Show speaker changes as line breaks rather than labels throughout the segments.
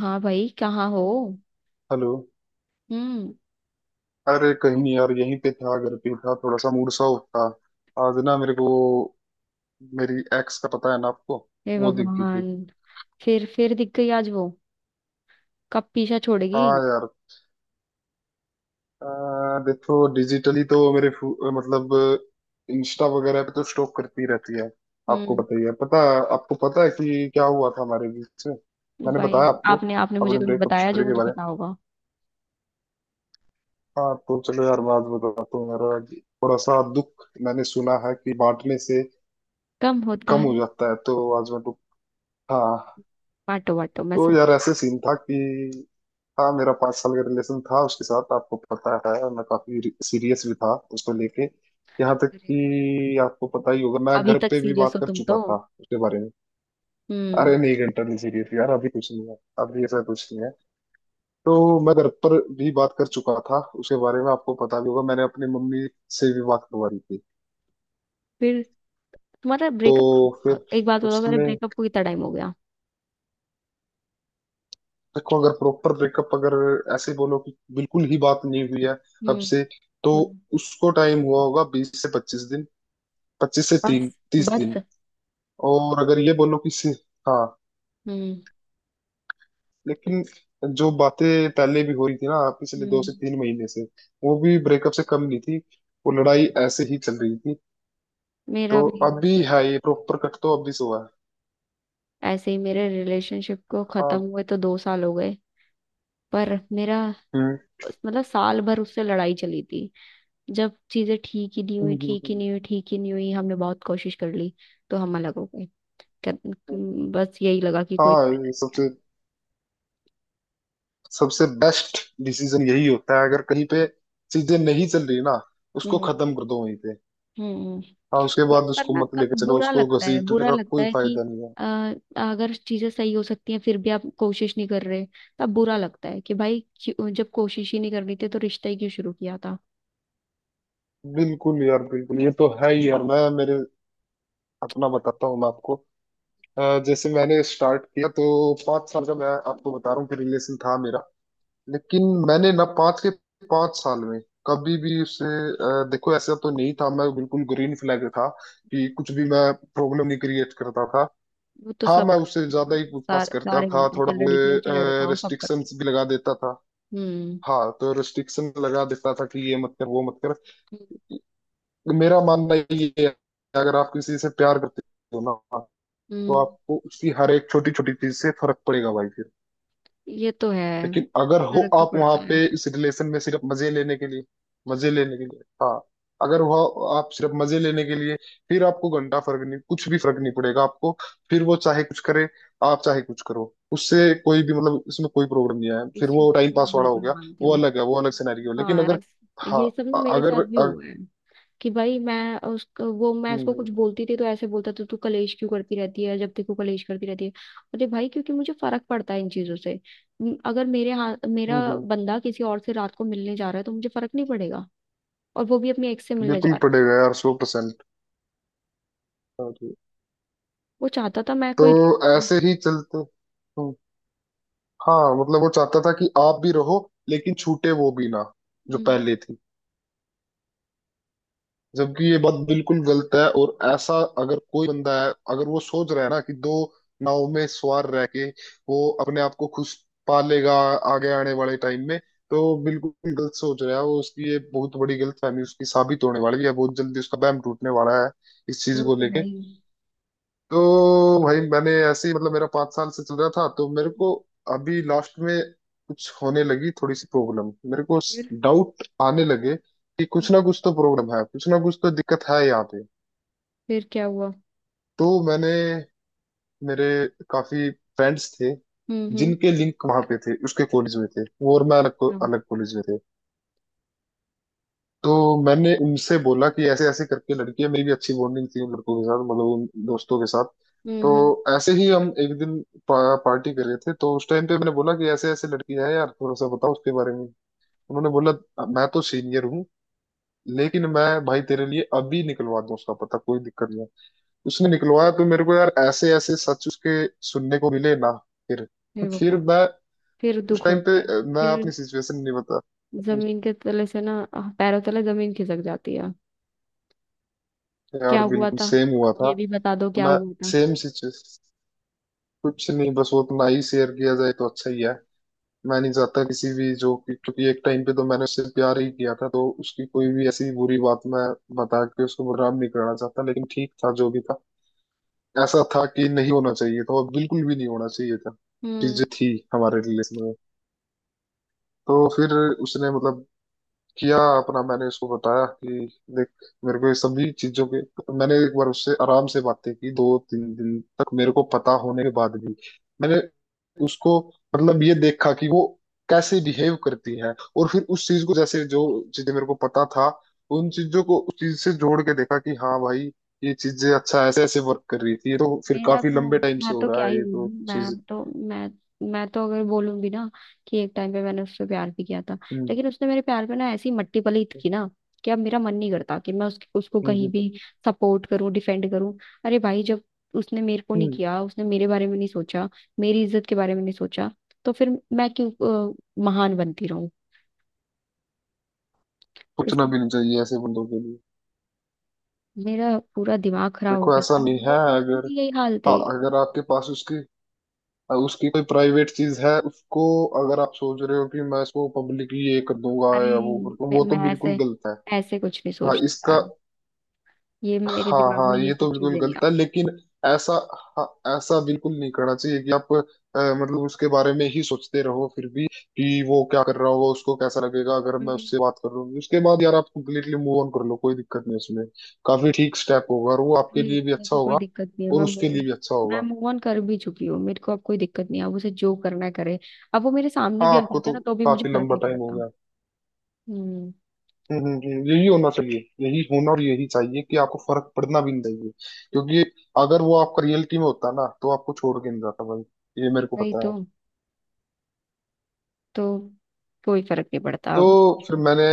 हाँ भाई कहाँ हो?
हेलो।
हम्म।
अरे कहीं नहीं यार, यहीं पे था, घर पे था। थोड़ा सा मूड सा उठा आज ना मेरे को। मेरी एक्स का पता है ना आपको,
हे
वो दिख गई थी।
भगवान। फिर दिख गई आज वो। कब पीछा छोड़ेगी?
हाँ यार। देखो, डिजिटली तो मेरे मतलब इंस्टा वगैरह पे तो स्टॉक करती रहती है। आपको
हम्म।
पता ही है, पता आपको पता है कि क्या हुआ था हमारे बीच में। मैंने
भाई।
बताया आपको
आपने आपने मुझे
अपने
कभी
ब्रेकअप
बताया जो
स्टोरी के
मुझे
बारे में।
पता होगा?
हाँ, तो चलो यार, मैं आज बताता हूँ। मेरा आज थोड़ा सा दुख, मैंने सुना है कि बांटने से
कम होता
कम हो
है।
जाता है, तो आज मैं तो। हाँ।
बांटो बांटो, मैं
तो
सोच
यार, ऐसे सीन था कि हाँ, मेरा 5 साल का रिलेशन था उसके साथ, आपको पता है, और मैं काफी सीरियस भी था उसको लेके। यहाँ तक
रही हूँ।
कि आपको पता ही होगा, मैं
अभी
घर
तक
पे भी
सीरियस
बात
हो
कर
तुम तो?
चुका था उसके बारे में।
हम्म।
अरे नहीं, घंटा नहीं सीरियस यार, अभी कुछ नहीं है, अभी ऐसा कुछ नहीं है। तो मैं घर पर भी बात कर चुका था उसके बारे में, आपको पता भी होगा, मैंने अपनी मम्मी से भी बात करवा दी थी।
फिर। तुम्हारा ब्रेकअप कब
तो
हुआ?
फिर
एक बात बताओ, मेरे
उसने,
ब्रेकअप को कितना टाइम हो गया?
देखो, अगर प्रॉपर ब्रेकअप, अगर ऐसे बोलो कि बिल्कुल ही बात नहीं हुई है कब
हम्म,
से, तो
हम्म।
उसको टाइम हुआ होगा 20 से 25 दिन, 25 से
बस,
तीन 30 दिन।
बस।
और अगर ये बोलो कि हाँ,
हम्म,
लेकिन जो बातें पहले भी हो रही थी ना, पिछले दो
हम्म।
से तीन महीने से, वो भी ब्रेकअप से कम नहीं थी। वो लड़ाई ऐसे ही चल रही थी।
मेरा
तो
भी।
अभी है
breakup-
ये प्रॉपर कट तो अभी से हुआ है।
ऐसे ही मेरे रिलेशनशिप को
हाँ।
खत्म हुए तो 2 साल हो गए। पर मेरा।
हम्म
मतलब साल भर उससे लड़ाई चली थी। जब चीजें ठीक ही नहीं
हम्म,
हुई,
हम्म,
ठीक ही
हम्म।
नहीं हुई, ठीक ही नहीं हुई, हमने बहुत कोशिश कर ली। तो हम अलग हो गए। कर- बस यही लगा कि कोई
हाँ,
फायदा
ये सबसे, सबसे बेस्ट डिसीजन यही होता है। अगर कहीं पे चीजें नहीं चल रही ना,
नहीं
उसको
है। हम्म,
खत्म कर दो वहीं पे।
हम्म।
हाँ, उसके
यार
बाद
पर
उसको
ना,
मत लेकर चलो,
बुरा
उसको
लगता है,
घसीटने
बुरा
का
लगता
कोई
है कि
फायदा नहीं है।
अ, अगर चीजें सही हो सकती हैं फिर भी आप कोशिश नहीं कर रहे। तब बुरा लगता है कि भाई जब कोशिश ही नहीं करनी थी तो रिश्ता ही क्यों शुरू किया था?
बिल्कुल यार, बिल्कुल, ये तो है ही यार। मैं मेरे अपना बताता हूँ मैं आपको। जैसे मैंने स्टार्ट किया, तो 5 साल का मैं आपको बता रहा हूँ कि रिलेशन था मेरा, लेकिन मैंने ना 5 साल में कभी भी उससे, देखो, ऐसा तो नहीं था, मैं बिल्कुल ग्रीन फ्लैग था कि कुछ भी मैं प्रॉब्लम नहीं क्रिएट करता था।
वो तो
हाँ,
सब
मैं उससे
करते
ज्यादा ही
हैं,
पूछताछ
सारे
करता
सारे
था
मिलते हैं,
थोड़ा
चल लड़की हो
बहुत,
चल लड़का हो सब करते
रेस्ट्रिक्शंस भी लगा देता था।
हैं। हम्म,
हाँ, तो रेस्ट्रिक्शन लगा देता था कि ये मत कर, वो मत कर।
हम्म,
मेरा मानना ये है कि अगर आप किसी से प्यार करते हो ना, तो
हम्म।
आपको उसकी हर एक छोटी छोटी चीज से फर्क पड़ेगा भाई।
ये तो है।
लेकिन अगर हो
फर्क तो
आप वहां
पड़ता है।
पे इस रिलेशन में सिर्फ मजे लेने के लिए, मजे लेने के लिए हाँ, अगर वह आप सिर्फ मजे लेने के लिए, फिर आपको घंटा फर्क नहीं, कुछ भी फर्क नहीं पड़ेगा आपको। फिर वो चाहे कुछ करे, आप चाहे कुछ करो, उससे कोई भी मतलब, इसमें कोई प्रॉब्लम नहीं है, फिर
इस चीज
वो
को
टाइम
तो मैं
पास वाला हो
बिल्कुल
गया।
मानती
वो
हूँ।
अलग है, वो अलग सिनेरियो। लेकिन
हाँ,
अगर हाँ,
ये सब ना
अ-
मेरे
अगर
साथ भी
अ,
हुआ है। कि भाई मैं
हम्म,
उसको कुछ
हम्म,
बोलती थी तो ऐसे बोलता था, तू कलेश क्यों करती रहती है, जब देखो कलेश करती रहती है। अरे भाई क्योंकि मुझे फर्क पड़ता है इन चीजों से। अगर मेरे हाथ
हम्म,
मेरा
हम्म,
बंदा किसी और से रात को मिलने जा रहा है तो मुझे फर्क नहीं पड़ेगा। और वो भी अपने एक्स से मिलने जा
बिल्कुल
रहा है।
पड़ेगा यार, 100%।
वो चाहता था मैं
तो
कोई।
ऐसे ही चलते। हम्म। हाँ, मतलब वो चाहता था कि आप भी रहो, लेकिन छूटे वो भी ना, जो
हम्म।
पहले थी। जबकि ये बात बिल्कुल गलत है, और ऐसा, अगर कोई बंदा है, अगर वो सोच रहा है ना कि दो नाव में सवार रह के वो अपने आप को खुश पा लेगा आगे आने वाले टाइम में, तो बिल्कुल गलत सोच रहा है वो। उसकी ये बहुत बड़ी गलतफहमी उसकी साबित होने वाली है, बहुत जल्दी उसका बैम टूटने वाला है इस चीज
वो
को
तो है
लेके।
ही।
तो भाई, मैंने ऐसे ही, मतलब मेरा 5 साल से चल रहा था, तो मेरे को अभी लास्ट में कुछ होने लगी थोड़ी सी प्रॉब्लम, मेरे को
फिर।
डाउट आने लगे कि कुछ ना कुछ तो प्रॉब्लम है, कुछ ना कुछ तो दिक्कत है यहाँ पे।
फिर क्या हुआ?
तो मैंने, मेरे काफी फ्रेंड्स थे
हम्म, हम्म,
जिनके लिंक वहां पे थे उसके कॉलेज में, थे वो, और मैं अलग अलग कॉलेज में थे। तो मैंने उनसे बोला कि ऐसे ऐसे करके लड़की है, मेरी भी अच्छी बॉन्डिंग थी उन लड़कों के साथ, मतलब उन दोस्तों के साथ।
हम्म,
तो
हम्म।
ऐसे ही हम एक दिन पार्टी कर रहे थे, तो उस टाइम पे मैंने बोला कि ऐसे ऐसे लड़की है यार, थोड़ा सा बताओ उसके बारे में। उन्होंने बोला, मैं तो सीनियर हूँ, लेकिन मैं भाई तेरे लिए अभी निकलवा दूँ उसका पता, कोई दिक्कत नहीं है।" उसने निकलवाया, तो मेरे को यार ऐसे ऐसे सच उसके सुनने को मिले ना। फिर
हे बाबा।
मैं
फिर
उस
दुख
टाइम
होता
पे
है।
मैं
फिर।
अपनी सिचुएशन नहीं बता।
जमीन के तले से ना आह, पैरों तले जमीन खिसक जाती है। क्या
यार
हुआ
बिल्कुल
था?
सेम हुआ
अब
था।
ये भी बता दो, क्या
मैं
हुआ था?
सेम सिचुएशन, कुछ नहीं, बस वो अपना ही शेयर किया जाए तो अच्छा ही है। मैं नहीं चाहता किसी भी, जो कि, क्योंकि एक टाइम पे तो मैंने उससे प्यार ही किया था, तो उसकी कोई भी ऐसी बुरी बात मैं बता के उसको बदनाम नहीं करना चाहता। लेकिन ठीक था, जो भी था, ऐसा था कि नहीं होना चाहिए था, और बिल्कुल भी नहीं होना चाहिए था
हम्म।
चीजें थी हमारे रिलेशन में। तो फिर उसने, मतलब, किया अपना। मैंने उसको बताया कि देख, मेरे को ये सभी चीजों के, मैंने एक बार उससे आराम से बातें की, 2 3 दिन तक मेरे को पता होने के बाद भी, मैंने उसको, मतलब, ये देखा कि वो कैसे बिहेव करती है, और फिर उस चीज को, जैसे जो चीजें मेरे को पता था, उन चीजों को उस चीज से जोड़ के देखा कि हाँ भाई, ये चीजें अच्छा ऐसे ऐसे वर्क कर रही थी, ये तो फिर
मेरा
काफी
तो।
लंबे टाइम से
मैं
हो
तो
रहा
क्या
है,
ही
ये तो
बोलूं।
चीज।
मैं तो अगर बोलूंगी ना, कि एक टाइम पे मैंने उससे प्यार भी किया था।
हम्म
लेकिन उसने मेरे प्यार पे ना ऐसी मट्टी पलीत की ना, कि अब मेरा मन नहीं करता कि मैं उसकी उसको
हम्म हम्म,
कहीं
हम्म।
भी सपोर्ट करूं डिफेंड करूं। अरे भाई, जब उसने मेरे को नहीं
हम्म,
किया, उसने मेरे बारे में नहीं सोचा, मेरी इज्जत के बारे में नहीं सोचा, तो फिर मैं क्यों महान बनती रहूं।
सोचना
इसलिए।
भी नहीं चाहिए ऐसे बंदों के लिए।
मेरा पूरा दिमाग खराब हो
देखो
गया
ऐसा
था,
नहीं है,
वो उसकी
अगर
भी यही हाल
हाँ,
थी।
अगर आपके पास उसकी, उसकी कोई प्राइवेट चीज है उसको, अगर आप सोच रहे हो कि मैं इसको पब्लिकली ये कर दूंगा
अरे
या वो कर दूंगा,
मैं
वो तो
मैं
बिल्कुल
ऐसे
गलत है।
ऐसे कुछ नहीं
हाँ
सोचती
इसका,
यार। ये मेरे
हाँ
दिमाग में
हाँ,
ये
ये
सब
तो बिल्कुल
चीजें नहीं
गलत है।
आती।
लेकिन ऐसा, हाँ, ऐसा बिल्कुल नहीं करना चाहिए कि आप मतलब उसके बारे में ही सोचते रहो फिर भी कि वो क्या कर रहा होगा, उसको कैसा लगेगा अगर मैं
हम्म।
उससे बात कर लूंगी, उसके बाद यार आप कंप्लीटली मूव ऑन कर लो, कोई दिक्कत नहीं है उसमें। काफी ठीक स्टेप होगा, और वो
अरे
आपके लिए भी
मेरे
अच्छा
को कोई
होगा,
दिक्कत नहीं है,
और
मैं
उसके लिए भी अच्छा
मैं
होगा।
मूव ऑन कर भी चुकी हूँ, मेरे को अब कोई दिक्कत नहीं है, अब उसे जो करना है करे। अब वो मेरे सामने
हाँ,
भी आ
आपको
जाता है
तो
ना तो भी मुझे
काफी
फर्क
लंबा
नहीं
टाइम हो
पड़ता।
गया।
हम्म।
यही होना चाहिए, यही होना और यही चाहिए कि आपको फर्क पड़ना भी नहीं चाहिए, क्योंकि अगर वो आपका रियलिटी में होता ना, तो आपको छोड़ के नहीं जाता भाई, ये मेरे को
वही
पता
तो।
है।
तो कोई फर्क नहीं पड़ता
तो
अब।
फिर मैंने,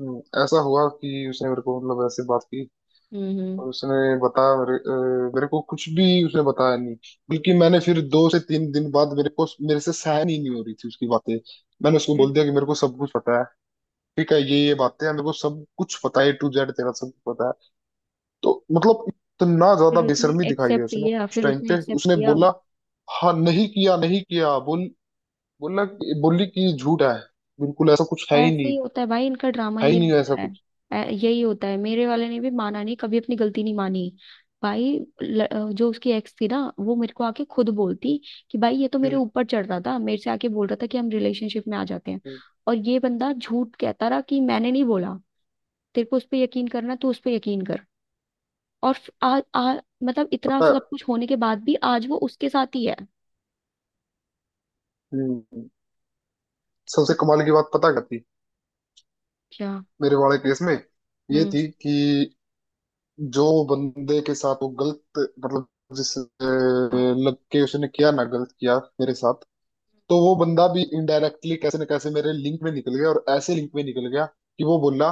ऐसा हुआ कि उसने मेरे को मतलब ऐसे बात की,
हम्म,
और
हम्म।
उसने बताया मेरे, मेरे को कुछ भी उसने बताया नहीं, बल्कि मैंने फिर 2 से 3 दिन बाद, मेरे को मेरे से सहन ही नहीं हो रही थी उसकी बातें, मैंने उसको
फिर।
बोल दिया कि मेरे को सब कुछ पता है, ठीक है ये बातें हैं, मेरे को सब कुछ पता है, A to Z तेरा सब कुछ पता है। तो मतलब इतना ज्यादा
फिर उसने
बेशर्मी दिखाई है
एक्सेप्ट
उसने,
किया?
उस
फिर
टाइम
उसने
पे
एक्सेप्ट
उसने
किया?
बोला, हाँ नहीं किया, नहीं किया बोल, बोली कि झूठ है, बिल्कुल ऐसा कुछ है ही
ऐसे
नहीं,
ही होता है भाई, इनका ड्रामा
है ही
ये
नहीं ऐसा
होता है।
कुछ।
यही होता है, मेरे वाले ने भी माना नहीं, कभी अपनी गलती नहीं मानी। भाई जो उसकी एक्स थी ना, वो मेरे को आके खुद बोलती कि भाई ये तो मेरे
हम्म,
ऊपर चढ़ रहा था, मेरे से आके बोल रहा था कि हम रिलेशनशिप में आ जाते हैं।
हम्म,
और ये बंदा झूठ कहता रहा कि मैंने नहीं बोला। तेरे को उस पर यकीन करना तो उस पर यकीन कर। और फ- आ, आ, मतलब इतना
पता है।
सब कुछ होने के बाद भी आज वो उसके साथ ही है।
हम्म, सबसे कमाल की बात पता क्या थी
क्या?
मेरे वाले केस में, ये
हम्म।
थी कि जो बंदे के साथ वो गलत, मतलब, जिस
हाँ।
लग के उसने किया ना, गलत किया मेरे साथ, तो वो बंदा भी इनडायरेक्टली कैसे न कैसे मेरे लिंक में निकल गया, और ऐसे लिंक में निकल गया कि वो बोला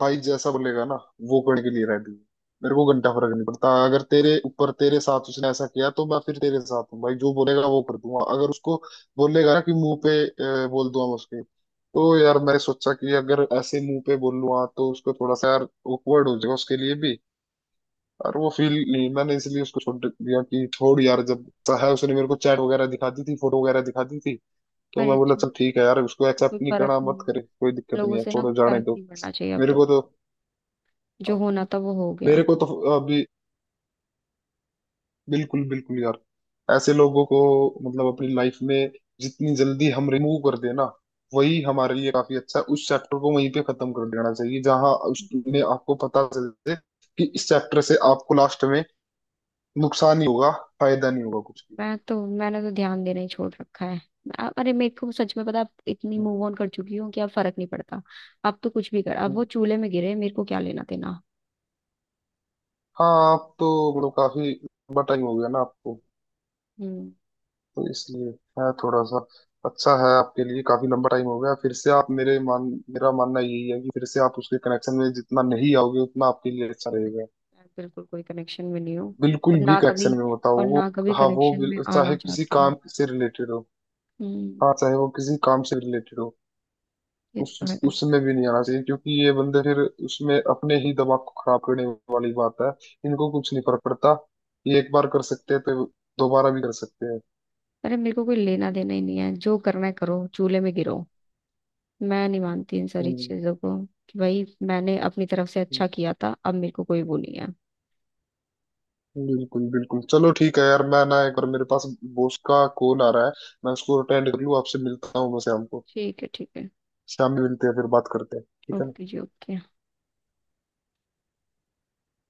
भाई, जैसा बोलेगा ना वो करने के लिए रेडी हूँ। मेरे को घंटा फर्क नहीं पड़ता, अगर तेरे ऊपर तेरे साथ उसने ऐसा किया, तो मैं फिर तेरे साथ हूँ भाई, जो बोलेगा वो कर दूंगा। अगर उसको बोलेगा ना कि मुंह पे बोल दूंगा मैं उसके, तो यार मैंने सोचा कि अगर ऐसे मुंह पे बोल लूंगा तो उसको थोड़ा सा यार awkward हो जाएगा उसके लिए भी, और वो फील नहीं मैंने, इसलिए उसको छोड़ दिया कि छोड़ यार, जब चाहे उसने मेरे को चैट वगैरह दिखा दी थी, फोटो वगैरह दिखा दी थी। तो
पर
मैं बोला
इससे
चल ठीक है यार, उसको
कोई
एक्सेप्ट नहीं
फर्क
करना मत
नहीं।
करे, कोई दिक्कत
लोगों
नहीं है,
से ना कोई
छोड़ो जाने
फर्क
दो।
नहीं पड़ना चाहिए अब
मेरे
तो।
को तो,
जो होना था वो हो गया।
मेरे को तो अभी, बिल्कुल बिल्कुल यार, ऐसे लोगों को मतलब अपनी लाइफ में जितनी जल्दी हम रिमूव कर देना, वही हमारे लिए काफी अच्छा है। उस चैप्टर को वहीं पे खत्म कर देना चाहिए जहां उसमें आपको पता चल जाए कि इस चैप्टर से आपको लास्ट में नुकसान ही होगा, फायदा नहीं होगा कुछ भी।
मैंने तो ध्यान देना ही छोड़ रखा है। अरे मेरे को सच में पता है, अब इतनी मूव ऑन कर चुकी हूँ कि अब फर्क नहीं पड़ता। अब तो कुछ भी कर, अब वो चूल्हे में गिरे, मेरे को क्या लेना देना।
हाँ, आप तो, मतलब काफी बटा ही हो गया ना आपको,
हम्म।
तो इसलिए है थोड़ा सा, अच्छा है आपके लिए, काफी लंबा टाइम हो गया। फिर से आप मेरे मान मेरा मानना यही है कि फिर से आप उसके कनेक्शन में जितना नहीं आओगे, उतना आपके लिए अच्छा रहेगा।
मैं बिल्कुल कोई कनेक्शन में नहीं हूँ।
बिल्कुल
और
भी
ना कभी
कनेक्शन में होता हो
और
वो।
ना कभी
हाँ,
कनेक्शन में आना
चाहे किसी
चाहती हूँ।
काम से रिलेटेड हो,
हम्म।
हाँ, चाहे वो किसी काम से रिलेटेड हो,
ये तो है।
उस उसमें भी नहीं आना चाहिए, क्योंकि ये बंदे फिर उसमें अपने ही दिमाग को खराब करने वाली बात है। इनको कुछ नहीं फर्क पड़ता, ये एक बार कर सकते हैं तो दोबारा भी कर सकते हैं।
अरे मेरे को कोई लेना देना ही नहीं है, जो करना है करो, चूल्हे में गिरो। मैं नहीं मानती इन सारी
हम्म।
चीजों को। कि भाई मैंने अपनी तरफ से अच्छा किया था, अब मेरे को कोई वो नहीं है।
बिल्कुल बिल्कुल, चलो ठीक है यार, मैं ना एक बार, मेरे पास बॉस का कॉल आ रहा है, मैं उसको अटेंड कर लूँ, आपसे मिलता हूँ मैं शाम को।
ठीक है, ठीक है।
शाम में मिलते हैं, फिर बात करते हैं, ठीक है ना?
ओके जी, ओके।